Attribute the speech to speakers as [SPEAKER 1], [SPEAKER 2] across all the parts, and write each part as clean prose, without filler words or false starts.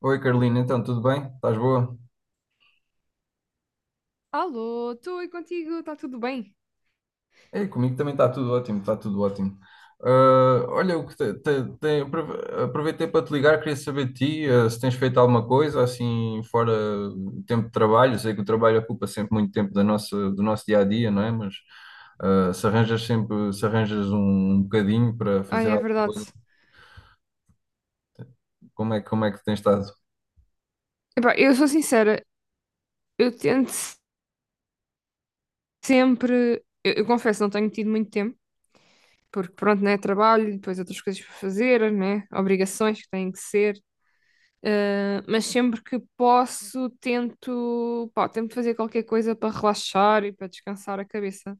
[SPEAKER 1] Oi Carolina, então tudo bem? Estás boa?
[SPEAKER 2] Alô, estou aí contigo, está tudo bem?
[SPEAKER 1] É, comigo também está tudo ótimo, está tudo ótimo. Ah, olha, o que te- te- aprove- aproveitei para te ligar, queria saber de ti, se tens feito alguma coisa assim fora o tempo de trabalho. Sei que o trabalho ocupa sempre muito tempo da do nosso dia a dia, não é? Mas se arranjas sempre, se arranjas um bocadinho para
[SPEAKER 2] Ah,
[SPEAKER 1] fazer
[SPEAKER 2] é
[SPEAKER 1] alguma coisa,
[SPEAKER 2] verdade.
[SPEAKER 1] como é que tens estado?
[SPEAKER 2] Epá, eu sou sincera, eu tento sempre. Eu confesso, não tenho tido muito tempo, porque pronto, né? Trabalho, depois outras coisas para fazer, né? Obrigações que têm que ser. Ah, mas sempre que posso, tento, pá, tento fazer qualquer coisa para relaxar e para descansar a cabeça.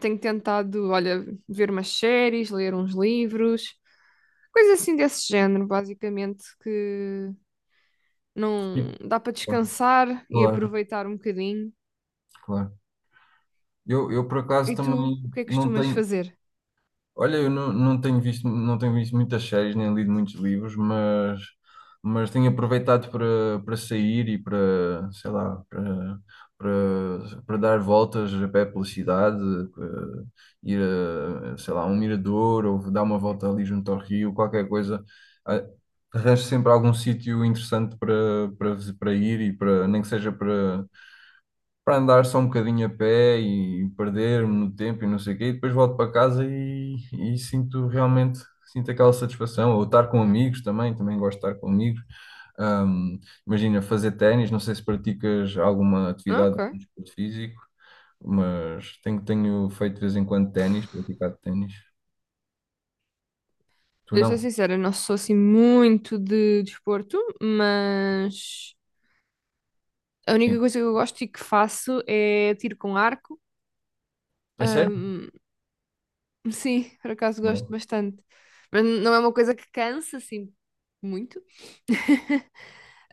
[SPEAKER 2] Tenho tentado, olha, ver umas séries, ler uns livros, coisas assim desse género, basicamente, que não
[SPEAKER 1] Sim,
[SPEAKER 2] dá para
[SPEAKER 1] claro,
[SPEAKER 2] descansar e
[SPEAKER 1] claro.
[SPEAKER 2] aproveitar um bocadinho.
[SPEAKER 1] Claro. Eu por acaso
[SPEAKER 2] E tu,
[SPEAKER 1] também
[SPEAKER 2] o que é que
[SPEAKER 1] não
[SPEAKER 2] costumas
[SPEAKER 1] tenho.
[SPEAKER 2] fazer?
[SPEAKER 1] Olha, eu não, não tenho visto, não tenho visto muitas séries, nem lido muitos livros, mas tenho aproveitado para sair e para, sei lá, para, para dar voltas a pé pela cidade, ir a, sei lá, um mirador ou dar uma volta ali junto ao rio, qualquer coisa. Ah, Arranjo sempre algum sítio interessante para ir e para, nem que seja para andar só um bocadinho a pé e perder-me no tempo e não sei o quê, e depois volto para casa e sinto realmente, sinto aquela satisfação, ou estar com amigos também, também gosto de estar com amigos. Ahm, imagina fazer ténis, não sei se praticas alguma
[SPEAKER 2] Ah,
[SPEAKER 1] atividade
[SPEAKER 2] ok.
[SPEAKER 1] de desporto físico, mas tenho, tenho feito de vez em quando ténis, praticado ténis. Tu
[SPEAKER 2] Olha, eu sou
[SPEAKER 1] não?
[SPEAKER 2] sincera, eu não sou assim muito de desporto, mas a única
[SPEAKER 1] Sim.
[SPEAKER 2] coisa que eu gosto e que faço é tiro com arco.
[SPEAKER 1] A sério?
[SPEAKER 2] Hum, sim, por acaso gosto
[SPEAKER 1] Bom.
[SPEAKER 2] bastante. Mas não é uma coisa que cansa assim muito.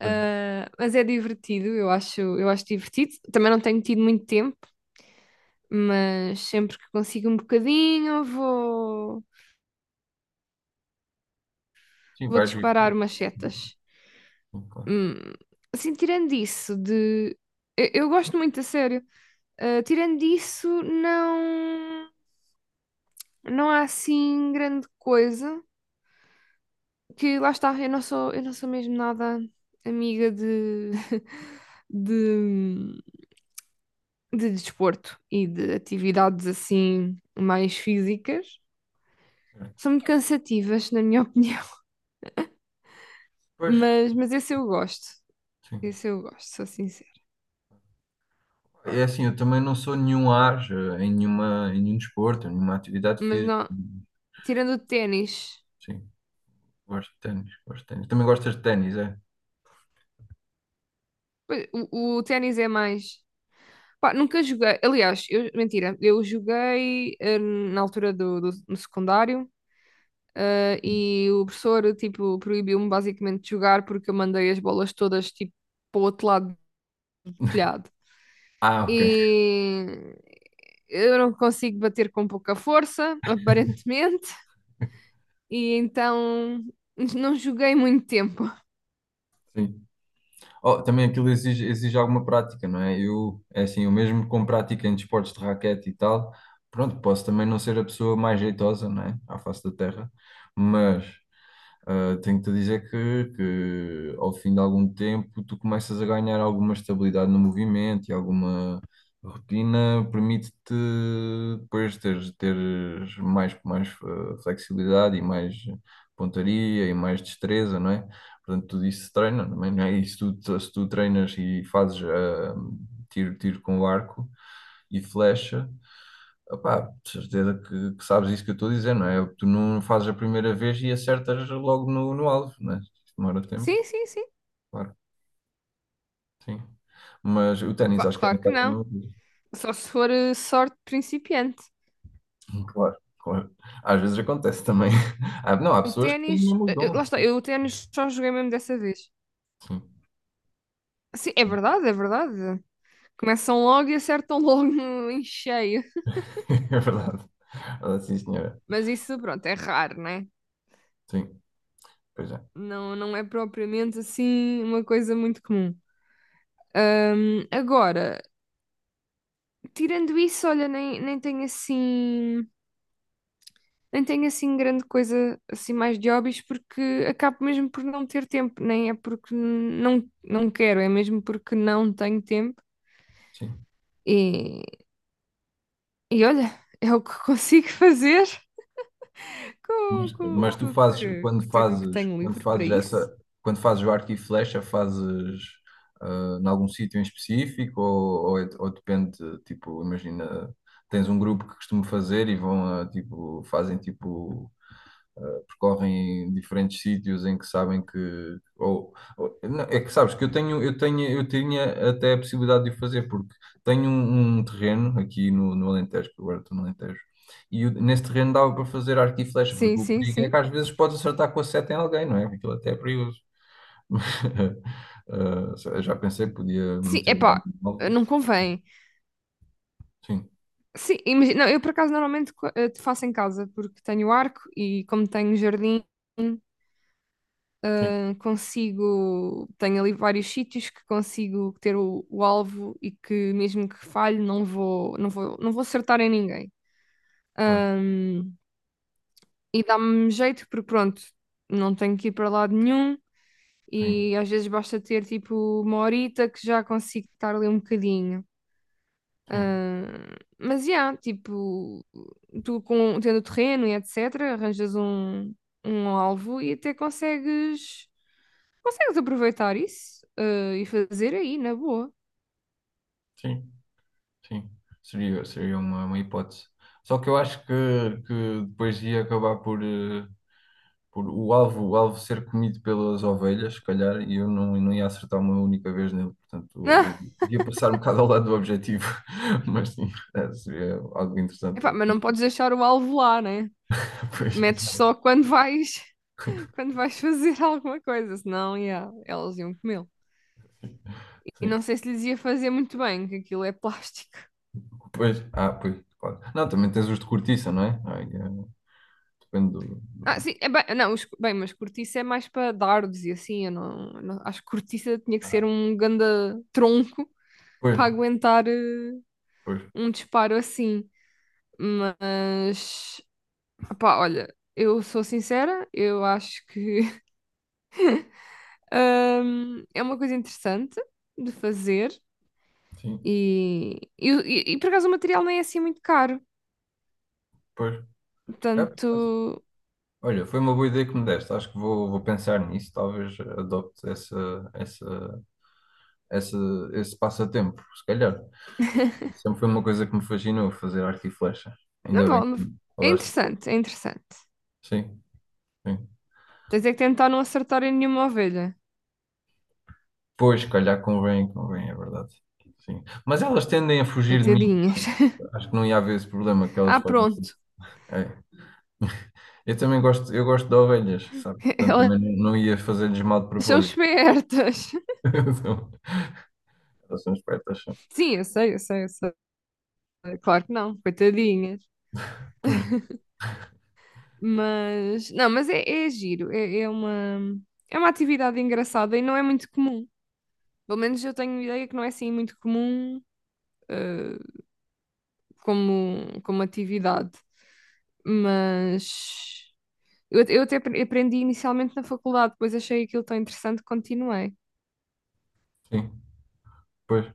[SPEAKER 1] Pois,
[SPEAKER 2] Ah, mas é divertido, eu acho divertido. Também não tenho tido muito tempo, mas sempre que consigo um bocadinho, vou
[SPEAKER 1] sim,
[SPEAKER 2] vou
[SPEAKER 1] vais ir.
[SPEAKER 2] disparar umas setas.
[SPEAKER 1] Sim, claro.
[SPEAKER 2] Hum, Assim, tirando isso de. Eu gosto muito, a sério. Ah, tirando isso, não. Não há assim grande coisa. Que lá está, eu não sou mesmo nada amiga de. de, de desporto e de atividades assim mais físicas. São muito cansativas, na minha opinião.
[SPEAKER 1] Pois,
[SPEAKER 2] Mas esse eu gosto.
[SPEAKER 1] sim.
[SPEAKER 2] Esse eu gosto, sou sincera.
[SPEAKER 1] É assim, eu também não sou nenhum ágio em nenhuma, em nenhum desporto, em nenhuma atividade
[SPEAKER 2] Mas
[SPEAKER 1] física.
[SPEAKER 2] não, tirando o ténis,
[SPEAKER 1] Sim, gosto de ténis, gosto de ténis. Também gostas de ténis, é?
[SPEAKER 2] pois, o ténis é mais. Pá, nunca joguei. Aliás, eu, mentira, eu joguei na altura no secundário,
[SPEAKER 1] Sim.
[SPEAKER 2] e o professor, tipo, proibiu-me basicamente de jogar porque eu mandei as bolas todas, tipo, para o outro lado do telhado.
[SPEAKER 1] Ah, ok.
[SPEAKER 2] E eu não consigo bater com pouca força, aparentemente, e então não joguei muito tempo.
[SPEAKER 1] Sim. Oh, também aquilo exige, exige alguma prática, não é? É assim, eu mesmo com prática em desportos de raquete e tal, pronto, posso também não ser a pessoa mais jeitosa, não é? À face da terra, mas tenho-te a dizer que ao fim de algum tempo tu começas a ganhar alguma estabilidade no movimento e alguma rotina permite-te depois teres mais flexibilidade e mais pontaria e mais destreza, não é? Portanto, tudo isso se treina, não é? Não é? E se tu treinas e fazes tiro com arco e flecha. Opá, de certeza que sabes isso que eu estou a dizer, não é? Tu não fazes a primeira vez e acertas logo no alvo, não é? Demora tempo,
[SPEAKER 2] Sim, sim, sim.
[SPEAKER 1] claro, sim. Mas o ténis
[SPEAKER 2] Cla-
[SPEAKER 1] acho que é um
[SPEAKER 2] claro que
[SPEAKER 1] bocado a
[SPEAKER 2] não.
[SPEAKER 1] mesma coisa.
[SPEAKER 2] Só se for sorte de principiante.
[SPEAKER 1] Claro, claro. Às vezes acontece também. Ah, não, há
[SPEAKER 2] O
[SPEAKER 1] pessoas que têm
[SPEAKER 2] ténis,
[SPEAKER 1] mesmo o dom,
[SPEAKER 2] lá está,
[SPEAKER 1] sim,
[SPEAKER 2] eu o ténis só joguei mesmo dessa vez.
[SPEAKER 1] sim.
[SPEAKER 2] Sim, é verdade, é verdade. Começam logo e acertam logo no- em cheio.
[SPEAKER 1] É verdade. Ah, sim, senhora.
[SPEAKER 2] Mas isso, pronto, é raro, né?
[SPEAKER 1] Sim, pois é.
[SPEAKER 2] Não, não é propriamente assim uma coisa muito comum. Agora, tirando isso, olha, nem tenho assim, nem tenho assim grande coisa assim mais de hobbies porque acabo mesmo por não ter tempo, nem é porque não quero, é mesmo porque não tenho tempo.
[SPEAKER 1] Sim.
[SPEAKER 2] E, e olha, é o que consigo fazer
[SPEAKER 1] Mas tu fazes,
[SPEAKER 2] com
[SPEAKER 1] quando
[SPEAKER 2] o tempo que
[SPEAKER 1] fazes,
[SPEAKER 2] tenho livre para isso.
[SPEAKER 1] quando fazes o arco e flecha, fazes em algum sítio em específico ou, ou depende, tipo, imagina, tens um grupo que costuma fazer e vão a, tipo, fazem tipo. Percorrem diferentes sítios em que sabem que ou- não, é que sabes que eu tinha até a possibilidade de o fazer porque tenho um terreno aqui no Alentejo, que agora estou no Alentejo. E o- nesse terreno dava para fazer arco e flecha,
[SPEAKER 2] Sim,
[SPEAKER 1] porque o
[SPEAKER 2] sim,
[SPEAKER 1] perigo é
[SPEAKER 2] sim.
[SPEAKER 1] que às vezes podes acertar com a seta em alguém, não é? Aquilo até é perigoso. Ah, eu já pensei que podia
[SPEAKER 2] Sim,
[SPEAKER 1] meter lá
[SPEAKER 2] epá,
[SPEAKER 1] um alvo.
[SPEAKER 2] não convém.
[SPEAKER 1] Sim,
[SPEAKER 2] Sim, imagina, não, eu por acaso normalmente faço em casa porque tenho arco e como tenho um jardim,
[SPEAKER 1] sim,
[SPEAKER 2] consigo, tenho ali vários sítios que consigo ter o alvo e que mesmo que falhe não vou acertar em ninguém.
[SPEAKER 1] claro,
[SPEAKER 2] Ahm, e dá-me jeito porque pronto, não tenho que ir para lado nenhum
[SPEAKER 1] sim,
[SPEAKER 2] e às vezes basta ter tipo uma horita que já consigo estar ali um bocadinho.
[SPEAKER 1] sim,
[SPEAKER 2] Ah, mas já, yeah, tipo, tu com, tendo terreno e etc., arranjas um, um alvo e até consegues, consegues aproveitar isso, ah, e fazer aí, na boa.
[SPEAKER 1] sim. Sim, seria, seria uma hipótese. Só que eu acho que depois ia acabar por, por o alvo ser comido pelas ovelhas, se calhar, e eu não, não ia acertar uma única vez nele. Portanto,
[SPEAKER 2] Ah,
[SPEAKER 1] eu ia passar um bocado ao lado do objetivo, mas sim, seria algo interessante.
[SPEAKER 2] epá, mas não podes deixar o alvo lá, né?
[SPEAKER 1] Pois,
[SPEAKER 2] Metes só
[SPEAKER 1] exato.
[SPEAKER 2] quando vais, quando vais fazer alguma coisa, senão, yeah, elas iam comê-lo. E
[SPEAKER 1] Sim.
[SPEAKER 2] não sei se lhes ia fazer muito bem, que aquilo é plástico.
[SPEAKER 1] Pois, ah, pois, claro. Não, também tens os de cortiça, não é? Ai, depende do,
[SPEAKER 2] Ah,
[SPEAKER 1] do-
[SPEAKER 2] sim, é bem, não, os- bem, mas cortiça é mais para dardos e assim, eu não- acho que cortiça tinha que
[SPEAKER 1] Ah,
[SPEAKER 2] ser um ganda tronco
[SPEAKER 1] pois,
[SPEAKER 2] para aguentar
[SPEAKER 1] pois,
[SPEAKER 2] um disparo assim. Mas, pá, olha, eu sou sincera, eu acho que é uma coisa interessante de fazer
[SPEAKER 1] sim,
[SPEAKER 2] e, por acaso o material nem é assim muito caro,
[SPEAKER 1] pois. É.
[SPEAKER 2] portanto,
[SPEAKER 1] Olha, foi uma boa ideia que me deste. Acho que vou, vou pensar nisso. Talvez adopte essa, essa, essa, esse passatempo, se calhar. Sempre foi uma coisa que me fascinou, fazer arte e flecha.
[SPEAKER 2] não
[SPEAKER 1] Ainda bem que
[SPEAKER 2] vale, é
[SPEAKER 1] falaste.
[SPEAKER 2] interessante, é interessante.
[SPEAKER 1] Sim, sim.
[SPEAKER 2] Tens é que tentar não acertar em nenhuma ovelha,
[SPEAKER 1] Pois, se calhar convém, convém, é verdade. Sim. Mas elas tendem a fugir de mim,
[SPEAKER 2] coitadinhas.
[SPEAKER 1] portanto. Acho que não ia haver esse problema, que elas
[SPEAKER 2] Ah,
[SPEAKER 1] fogem. Assim.
[SPEAKER 2] pronto.
[SPEAKER 1] É. Eu também gosto, eu gosto de ovelhas, sabe? Portanto,
[SPEAKER 2] Elas
[SPEAKER 1] também não ia fazer-lhes mal de
[SPEAKER 2] são
[SPEAKER 1] propósito.
[SPEAKER 2] espertas.
[SPEAKER 1] Elas são espertas. São.
[SPEAKER 2] Sim, eu sei, eu sei, eu sei. Claro que não, coitadinhas.
[SPEAKER 1] Pois,
[SPEAKER 2] Mas, não, mas é, é giro. É, é uma atividade engraçada e não é muito comum. Pelo menos eu tenho ideia que não é assim muito comum, eh, como, como atividade. Mas eu até apre- aprendi inicialmente na faculdade, depois achei aquilo tão interessante que continuei.
[SPEAKER 1] sim, pois.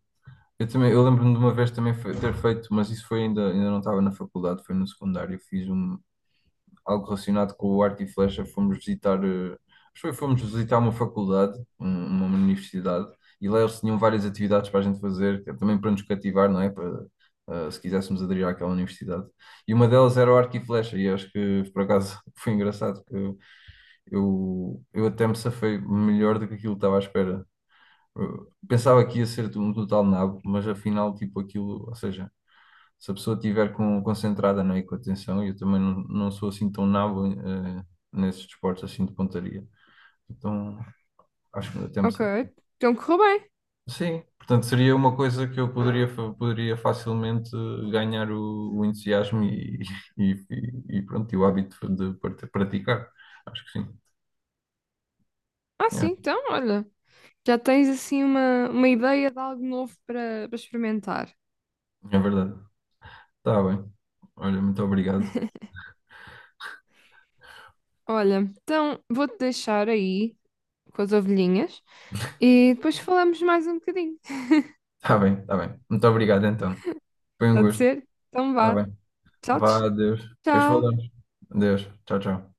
[SPEAKER 1] Eu também, eu lembro-me de uma vez também ter feito, mas isso foi ainda, ainda não estava na faculdade, foi no secundário, fiz um, algo relacionado com o arco e flecha, fomos visitar, acho que foi- fomos visitar uma faculdade, um- uma universidade, e lá eles tinham várias atividades para a gente fazer, que é também para nos cativar, não é? Para, se quiséssemos aderir àquela universidade. E uma delas era o arco e flecha, e acho que por acaso foi engraçado, porque eu até me safei melhor do que aquilo que estava à espera. Eh, Pensava que ia ser um total nabo, mas afinal, tipo, aquilo, ou seja, se a pessoa estiver com, concentrada, não é, e com atenção, eu também não sou assim tão nabo nesses desportos assim de pontaria. Então, acho que até me
[SPEAKER 2] Ok,
[SPEAKER 1] sa-
[SPEAKER 2] então correu bem.
[SPEAKER 1] Sim, portanto, seria uma coisa que eu poderia facilmente ganhar o entusiasmo e, e pronto, e o hábito de praticar. Acho que sim,
[SPEAKER 2] Ah, sim,
[SPEAKER 1] é,
[SPEAKER 2] então, olha. Já tens assim uma ideia de algo novo para para experimentar.
[SPEAKER 1] é verdade. Está bem. Olha, muito obrigado.
[SPEAKER 2] Olha, então vou-te deixar aí com as ovelhinhas e depois falamos mais um bocadinho.
[SPEAKER 1] Está bem, está bem. Muito obrigado, então. Foi um
[SPEAKER 2] Pode
[SPEAKER 1] gosto.
[SPEAKER 2] ser? Então
[SPEAKER 1] Tá
[SPEAKER 2] vá.
[SPEAKER 1] bem.
[SPEAKER 2] Tchau,
[SPEAKER 1] Vá, adeus. Depois
[SPEAKER 2] tchau.
[SPEAKER 1] falamos. Adeus. Tchau, tchau.